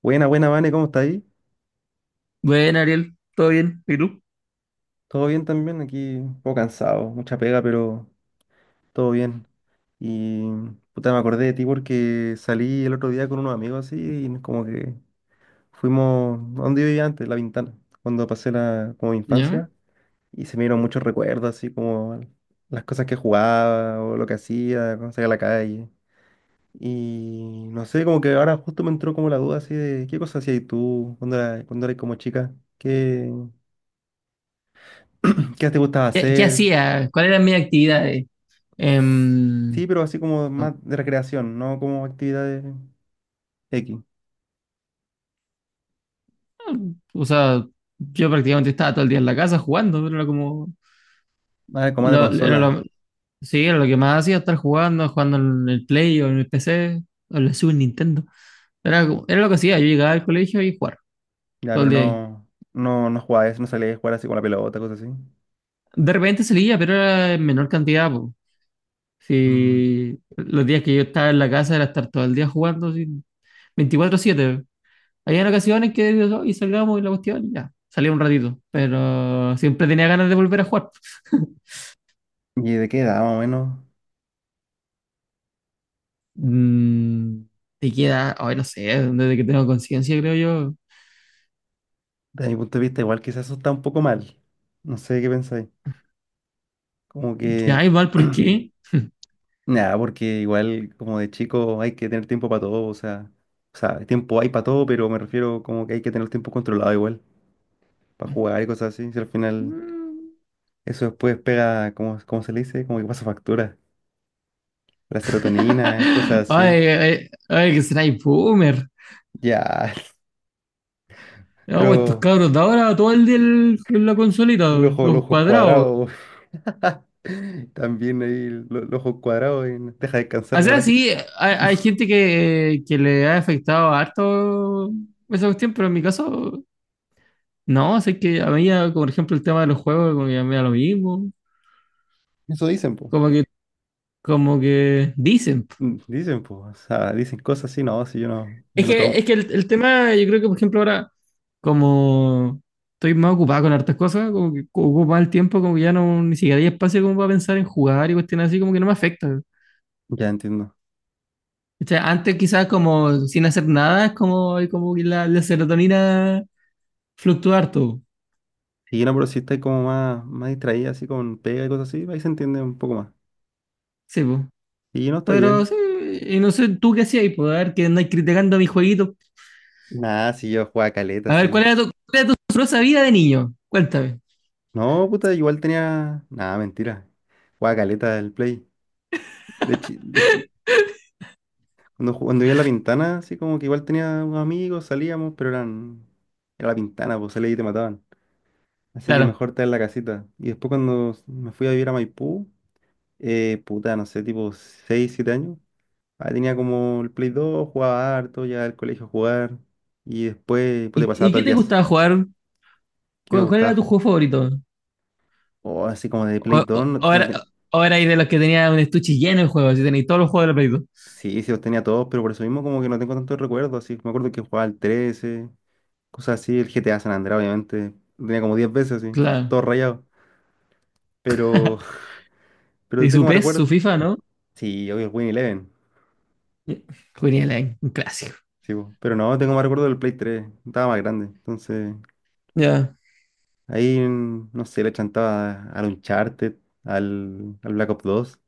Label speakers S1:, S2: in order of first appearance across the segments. S1: Buena, buena, Vane, ¿cómo está ahí?
S2: Bueno, Ariel, ¿todo bien? ¿Y tú?
S1: ¿Todo bien también? Aquí un poco cansado, mucha pega, pero todo bien. Y puta, me acordé de ti porque salí el otro día con unos amigos así y como que fuimos a donde yo vivía antes, La Ventana, cuando pasé la como mi
S2: ¿Ya?
S1: infancia y se me dieron muchos recuerdos así como las cosas que jugaba o lo que hacía cuando salía a la calle. Y no sé, como que ahora justo me entró como la duda así de qué cosas hacías tú cuando eras como chica, qué, qué te gustaba
S2: ¿Qué
S1: hacer.
S2: hacía? ¿Cuáles eran mis actividades? Em,
S1: Sí, pero así como
S2: Oh.
S1: más de recreación, no como actividades X.
S2: O sea, yo prácticamente estaba todo el día en la casa jugando, pero era como.
S1: Ah, como más de
S2: Lo, era
S1: consola.
S2: lo- sí, era lo que más hacía, estar jugando, jugando en el Play o en el PC, o en la Super Nintendo. Era lo que hacía, yo llegaba al colegio y jugar
S1: Ya,
S2: todo el
S1: pero
S2: día ahí.
S1: no jugaba eso, no salía a jugar así con la pelota, cosas así.
S2: De repente salía, pero era en menor cantidad, po.
S1: Mm.
S2: Sí, los días que yo estaba en la casa era estar todo el día jugando, así, 24/7. Había ocasiones que y salgamos y la cuestión, y ya, salía un ratito, pero siempre tenía ganas de volver a jugar.
S1: ¿Y de qué edad, más o menos?
S2: Mm, Te queda, ay, no sé, desde que tengo conciencia, creo yo.
S1: Desde mi punto de vista, igual quizás eso está un poco mal. No sé qué pensáis. Como que.
S2: Ya, igual, ¿por qué?
S1: Nada, porque igual como de chico hay que tener tiempo para todo, o sea. O sea, tiempo hay para todo, pero me refiero como que hay que tener el tiempo controlado igual, para jugar y cosas así. Si al final.
S2: Mm.
S1: Eso después pega, ¿cómo se le dice? Como que pasa factura. La serotonina, cosas así.
S2: Ay, ay, ay, que será boomer.
S1: Ya,
S2: No, estos
S1: pero
S2: cabros de ahora, todo el día en la consolita,
S1: el ojo, el
S2: los
S1: ojo
S2: cuadrados.
S1: cuadrado. También ahí el ojo cuadrado y no te deja descansar
S2: O
S1: la
S2: sea,
S1: weá.
S2: sí, hay gente que le ha afectado harto esa cuestión, pero en mi caso. No, sé que a mí, ya, por ejemplo, el tema de los juegos, como que a mí me da lo mismo.
S1: Eso dicen, po.
S2: Como que, como que dicen.
S1: Mm. Dicen, po. O sea, dicen cosas así, no, si yo no, yo
S2: Es
S1: no
S2: que, es
S1: tomo.
S2: que el tema, yo creo que, por ejemplo, ahora, como estoy más ocupado con hartas cosas, como que ocupo más el tiempo, como que ya no, ni siquiera hay espacio como para pensar en jugar y cuestiones así, como que no me afecta.
S1: Ya entiendo.
S2: O sea, antes quizás como sin hacer nada, es como, hay como que la serotonina fluctúa harto.
S1: Y no, pero si estáis como más distraída, así con pega y cosas así, ahí se entiende un poco más.
S2: Sí, pues.
S1: Y no está
S2: Pero
S1: bien.
S2: sí, y no sé, ¿tú qué hacías ahí? Pues, a ver, que andáis criticando a mis jueguitos.
S1: Nada, si yo jugaba caleta,
S2: A ver,
S1: sí.
S2: ¿cuál era tu sabrosa vida de niño? Cuéntame.
S1: No, puta, igual tenía. Nada, mentira. Jugaba caleta el play. De, chi- de- cuando, ju- cuando vivía en La Pintana, así como que igual tenía unos amigos, salíamos, pero eran. Era La Pintana, pues salías y te mataban. Así que
S2: Claro.
S1: mejor estar en la casita. Y después cuando me fui a vivir a Maipú, puta, no sé, tipo 6 7 años. Ahí tenía como el Play 2 jugaba harto, ya al colegio a jugar. Y después, pues, te
S2: ¿Y,
S1: pasaba
S2: y
S1: todo
S2: qué
S1: el
S2: te
S1: día.
S2: gustaba jugar?
S1: Que me
S2: ¿Cuál era
S1: gustaba.
S2: tu juego favorito?
S1: O así como de
S2: O,
S1: Play 2
S2: o- o
S1: no,
S2: era,
S1: tenía.
S2: o era ahí de los que tenía un estuche lleno de juegos, y tenéis todos los juegos de la Play dos.
S1: Sí, sí, los tenía todos, pero por eso mismo como que no tengo tantos recuerdos, así. Me acuerdo que jugaba al 13, cosas así, el GTA San Andreas, obviamente. Lo tenía como 10 veces, así,
S2: Claro.
S1: todo rayado. Pero, pero
S2: ¿Y
S1: tengo
S2: su
S1: más
S2: PES, su
S1: recuerdos.
S2: FIFA, no?
S1: Sí, obvio, el Win Eleven.
S2: Jugaría online, un clásico.
S1: Sí, po. Pero no, tengo más recuerdos del Play 3. Estaba más grande. Entonces,
S2: Ya.
S1: ahí, no sé, le chantaba al Uncharted, al Black Ops 2.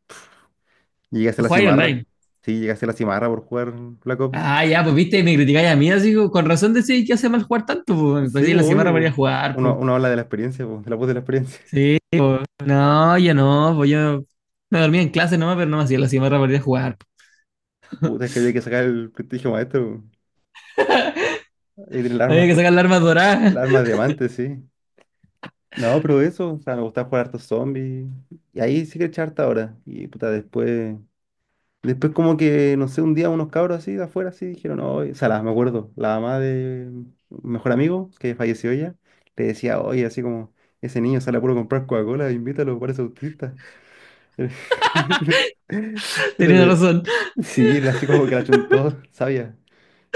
S1: Llegué a hacer la
S2: Jugáis
S1: cimarra.
S2: online.
S1: Sí, llegué a hacer la cimarra por jugar Black Ops.
S2: Ah, ya, pues viste, me criticáis a mí, así como, con razón decís que hace mal jugar tanto, pues.
S1: Sí,
S2: Así
S1: po,
S2: en la
S1: obvio,
S2: semana para
S1: po.
S2: ir a jugar,
S1: Uno,
S2: pues.
S1: uno habla de la experiencia, po, de la voz de la experiencia.
S2: Sí, pues. No, yo no, pues yo me dormía en clase nomás, pero no me hacía la cimarra para ir a jugar.
S1: Puta, es que había que sacar el prestigio maestro. Hay que tener las
S2: Había
S1: armas,
S2: que sacar la arma dorada.
S1: las armas de diamante, sí. No, pero eso, o sea, me gustaba jugar hartos zombies. Y ahí sí que echaba harta ahora. Y puta, después. Después, como que, no sé, un día unos cabros así de afuera así dijeron, no, o sea, me acuerdo, la mamá de un mejor amigo, que falleció ya, le decía, oye, así como, ese niño sale a puro comprar Coca-Cola, invítalo, parece autista. Pero
S2: Tenía
S1: de.
S2: razón.
S1: Sí, así como que la chuntó, sabía.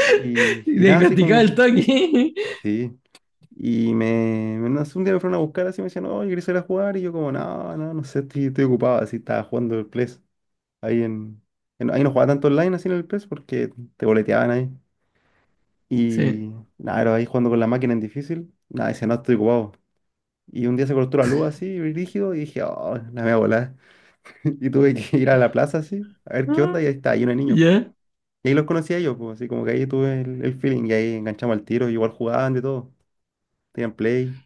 S1: Y nada, así
S2: Diagnosticaba
S1: como
S2: el
S1: que.
S2: toque.
S1: Sí, y no sé, un día me fueron a buscar así, me decían, no, yo quería salir a jugar, y yo como, no sé, estoy ocupado, así estaba jugando el PES, ahí ahí no jugaba tanto online así en el PES porque te boleteaban ahí,
S2: Sí.
S1: y nada, era ahí jugando con la máquina en difícil, nada, decía, no, estoy ocupado, y un día se cortó la luz así, rígido, y dije, oh, la voy a volar, y tuve que ir a la plaza así, a ver qué onda,
S2: Ah,
S1: y ahí está, ahí unos niños, po.
S2: ya.
S1: Y ahí los conocí a ellos, po, así como que ahí tuve el feeling, y ahí enganchamos al tiro, igual jugaban de todo, tenían play,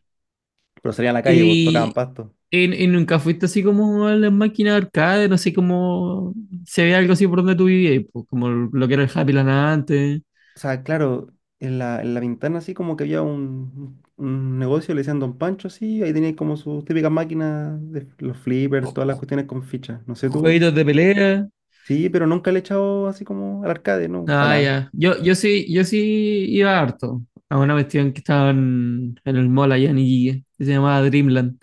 S1: pero salían a la calle, pues tocaban
S2: Y,
S1: pasto.
S2: y nunca fuiste así como a las máquinas de arcade, no sé cómo se ve algo así por donde tú vivías, pues, como lo que era el Happy Land antes,
S1: O sea, claro, en la ventana así como que había un- negocio, le decían Don Pancho así, ahí tenía como sus típicas máquinas, de los flippers, todas las cuestiones con fichas. No sé tú.
S2: jueguitos de pelea.
S1: Sí, pero nunca le he echado así como al arcade, no, para
S2: Ah,
S1: nada.
S2: ya. Yo sí, yo sí iba harto a una cuestión que estaba en el mall allá en Iquique, que se llamaba Dreamland.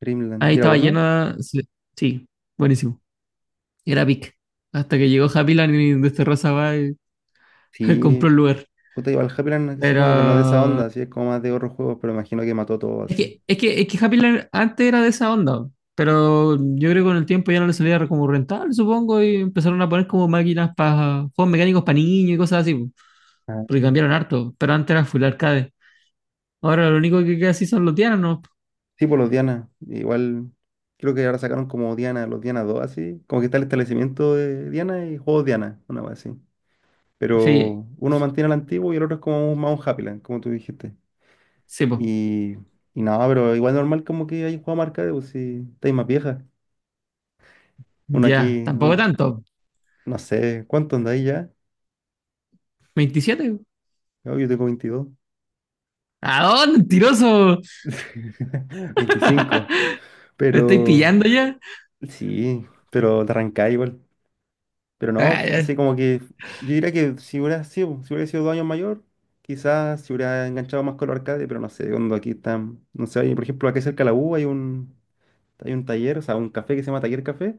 S1: Dreamland.
S2: Ahí
S1: ¿Y era
S2: estaba
S1: bueno?
S2: llena. Sí, sí, buenísimo. Era pic. Hasta que llegó Happy Land y desterró esa weá y compró
S1: Sí,
S2: el lugar.
S1: puta, iba al Happyland así
S2: Pero
S1: como que no es de esa onda, así es como más de otros juegos, pero imagino que mató todo
S2: es
S1: así.
S2: que, es que, es que Happy Land antes era de esa onda, pero yo creo que con el tiempo ya no le salía como rentable, supongo, y empezaron a poner como máquinas para juegos mecánicos para niños y cosas así, po,
S1: Ah.
S2: porque cambiaron harto, pero antes era full arcade. Ahora lo único que queda así son los tianos, ¿no?
S1: Sí, por los Diana. Igual creo que ahora sacaron como Diana, los Diana 2 así. Como que está el establecimiento de Diana y juegos Diana, una cosa así.
S2: Sí,
S1: Pero uno mantiene el antiguo y el otro es como más un Happyland, como tú dijiste.
S2: sí, pues,
S1: Y, y nada, pero igual normal como que hay un juego marcado, pues si estáis más vieja. Uno
S2: ya,
S1: aquí,
S2: tampoco
S1: una,
S2: tanto,
S1: no sé, ¿cuánto andáis ya?
S2: 27 po.
S1: No, yo tengo 22,
S2: ¿A dónde, mentiroso?
S1: 25.
S2: ¿Me estoy
S1: Pero
S2: pillando ya?
S1: sí, pero te arrancáis igual. Pero no,
S2: Ah,
S1: fue
S2: ya,
S1: así como que yo diría que si hubiera sido 2 años mayor, quizás se hubiera enganchado más con los arcades, pero no sé, cuando aquí están, no sé, hay, por ejemplo, aquí cerca de la U hay un, taller, o sea, un café que se llama Taller Café,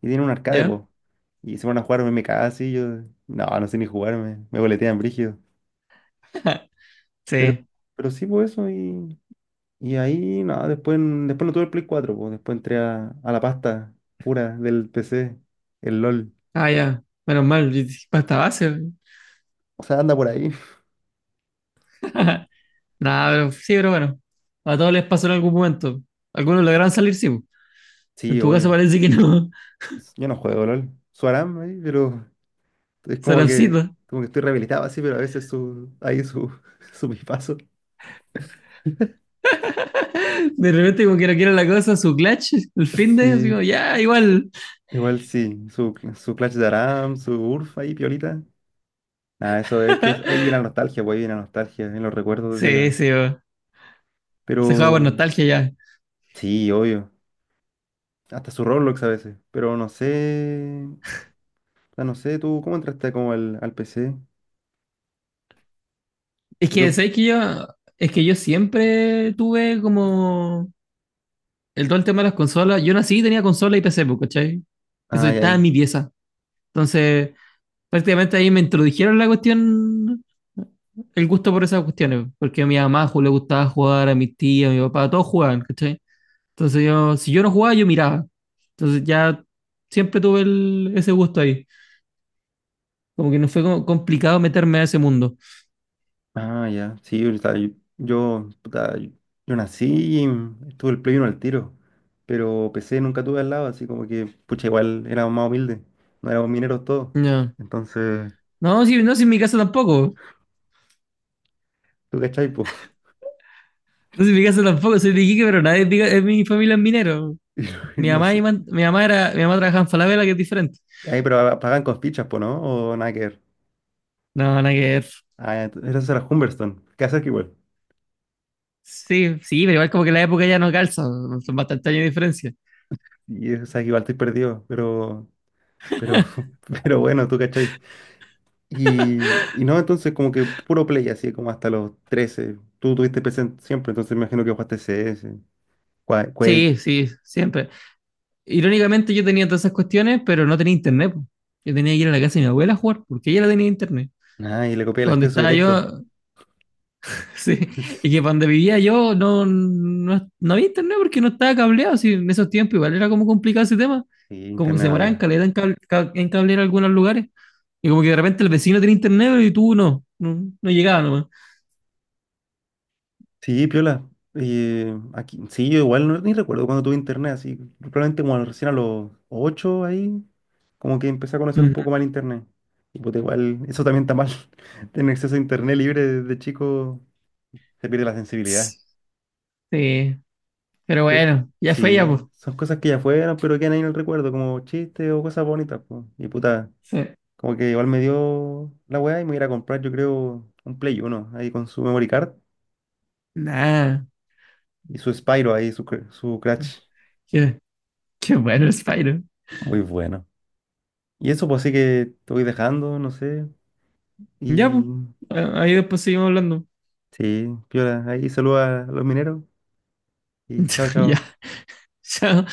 S1: y tiene un arcade,
S2: ya,
S1: pues. Y se van a jugar MMK así, yo, no sé ni jugarme, me boletean brígido. Pero,
S2: sí,
S1: pero sí, pues eso, y ahí, nada después no tuve el Play 4 pues, después entré a la pasta pura del PC, el LOL.
S2: ah, ya, menos mal, basta base.
S1: O sea, anda por ahí.
S2: Nada, pero sí, pero bueno. A todos les pasó en algún momento. Algunos lograron salir, sí, po. En
S1: Sí,
S2: tu caso
S1: obvio.
S2: parece que no.
S1: Pues, yo no juego LOL. Su Aram ahí, pero es como que,
S2: Sarapcito.
S1: como que estoy rehabilitado así, pero a veces su, ahí su, su pipazo.
S2: De repente, como que no quiere la cosa, su clutch, el fin de, así como,
S1: Sí,
S2: ya, igual.
S1: igual sí. Su Clash de Aram, su Urf ahí, piolita. Nada, eso es que ahí viene la nostalgia, pues ahí viene la nostalgia, en los recuerdos de
S2: Sí,
S1: la.
S2: sí, po. Se juega por
S1: Pero
S2: nostalgia ya.
S1: sí, obvio. Hasta su Roblox a veces. Pero no sé. O sea, no sé, tú, ¿cómo entraste como al PC?
S2: Es que,
S1: Yo.
S2: ¿sabes que yo? Es que yo siempre tuve como el todo el tema de las consolas. Yo nací y tenía consola y PC, po, ¿cachai? Eso
S1: Ay,
S2: estaba en
S1: ay.
S2: mi pieza. Entonces, prácticamente ahí me introdujeron la cuestión, el gusto por esas cuestiones, porque a mi mamá le gustaba jugar, a mi tía, a mi papá, todos jugaban, ¿cachai? Entonces yo, si yo no jugaba, yo miraba. Entonces ya siempre tuve ese gusto ahí. Como que no fue como complicado meterme a ese mundo.
S1: Ah, ya. Sí, o sea, yo, puta, yo nací y tuve el Play 1 al tiro. Pero PC nunca tuve al lado, así como que, pucha, igual éramos más humildes. No éramos mineros todos.
S2: No,
S1: Entonces,
S2: no, si, no, si en mi casa tampoco.
S1: ¿tú cachai, po?
S2: No, si en mi casa tampoco, soy de Iquique, pero nadie es es mi familia es minero.
S1: Y no y
S2: Mi
S1: no
S2: mamá, y
S1: sé.
S2: man- mi mamá era, Mi mamá trabajaba en Falabella, que es diferente.
S1: Ahí, pero pagan con fichas, po, ¿no? O nada que ver.
S2: No, nada que ver.
S1: Ah, ya, eso era Humberstone. ¿Qué haces que igual?
S2: Sí, sí, pero igual como que la época ya no calza, son bastantes años de diferencia.
S1: Y o sea, que igual estoy perdido, pero, pero, pero bueno, ¿tú cachai? Y no, entonces como que puro play, así como hasta los 13. Tú tuviste PC siempre, entonces me imagino que jugaste CS, Qua-
S2: Sí,
S1: Quake.
S2: sí, siempre. Irónicamente yo tenía todas esas cuestiones, pero no tenía internet, po. Yo tenía que ir a la casa de mi abuela a jugar, porque ella la tenía internet.
S1: Ah, y le copié el
S2: Para donde
S1: acceso
S2: estaba
S1: directo.
S2: yo, sí, y que para donde vivía yo no, no, no había internet porque no estaba cableado, sí, en esos tiempos igual era como complicado ese tema.
S1: Sí,
S2: Como que
S1: internet
S2: se
S1: no
S2: moraban
S1: había.
S2: caleta en cablear algunos lugares. Y como que de repente el vecino tenía internet y tú no, no, no llegaba nomás.
S1: Sí, piola. Aquí, sí, yo igual no, ni recuerdo cuando tuve internet, así. Probablemente como recién a los 8 ahí, como que empecé a conocer un
S2: Mm.
S1: poco mal internet. Y pues igual, eso también está mal. Tener acceso a internet libre desde chico se pierde la sensibilidad.
S2: Sí, pero
S1: Pero,
S2: bueno, ya fue ya,
S1: sí,
S2: pues.
S1: son cosas que ya fueron, pero quedan ahí en el recuerdo, como chistes o cosas bonitas, po. Y puta,
S2: Sí.
S1: como que igual me dio la weá y me voy a ir a comprar, yo creo, un Play 1 ahí con su memory card
S2: Nah,
S1: y su Spyro ahí, su Crash.
S2: qué, qué bueno Spyro.
S1: Muy bueno. Y eso, pues sí que te voy dejando, no sé.
S2: Ya,
S1: Y
S2: pues. Ahí después seguimos hablando.
S1: sí, piola, ahí saluda a los mineros y chao,
S2: Ya,
S1: chao.
S2: chao.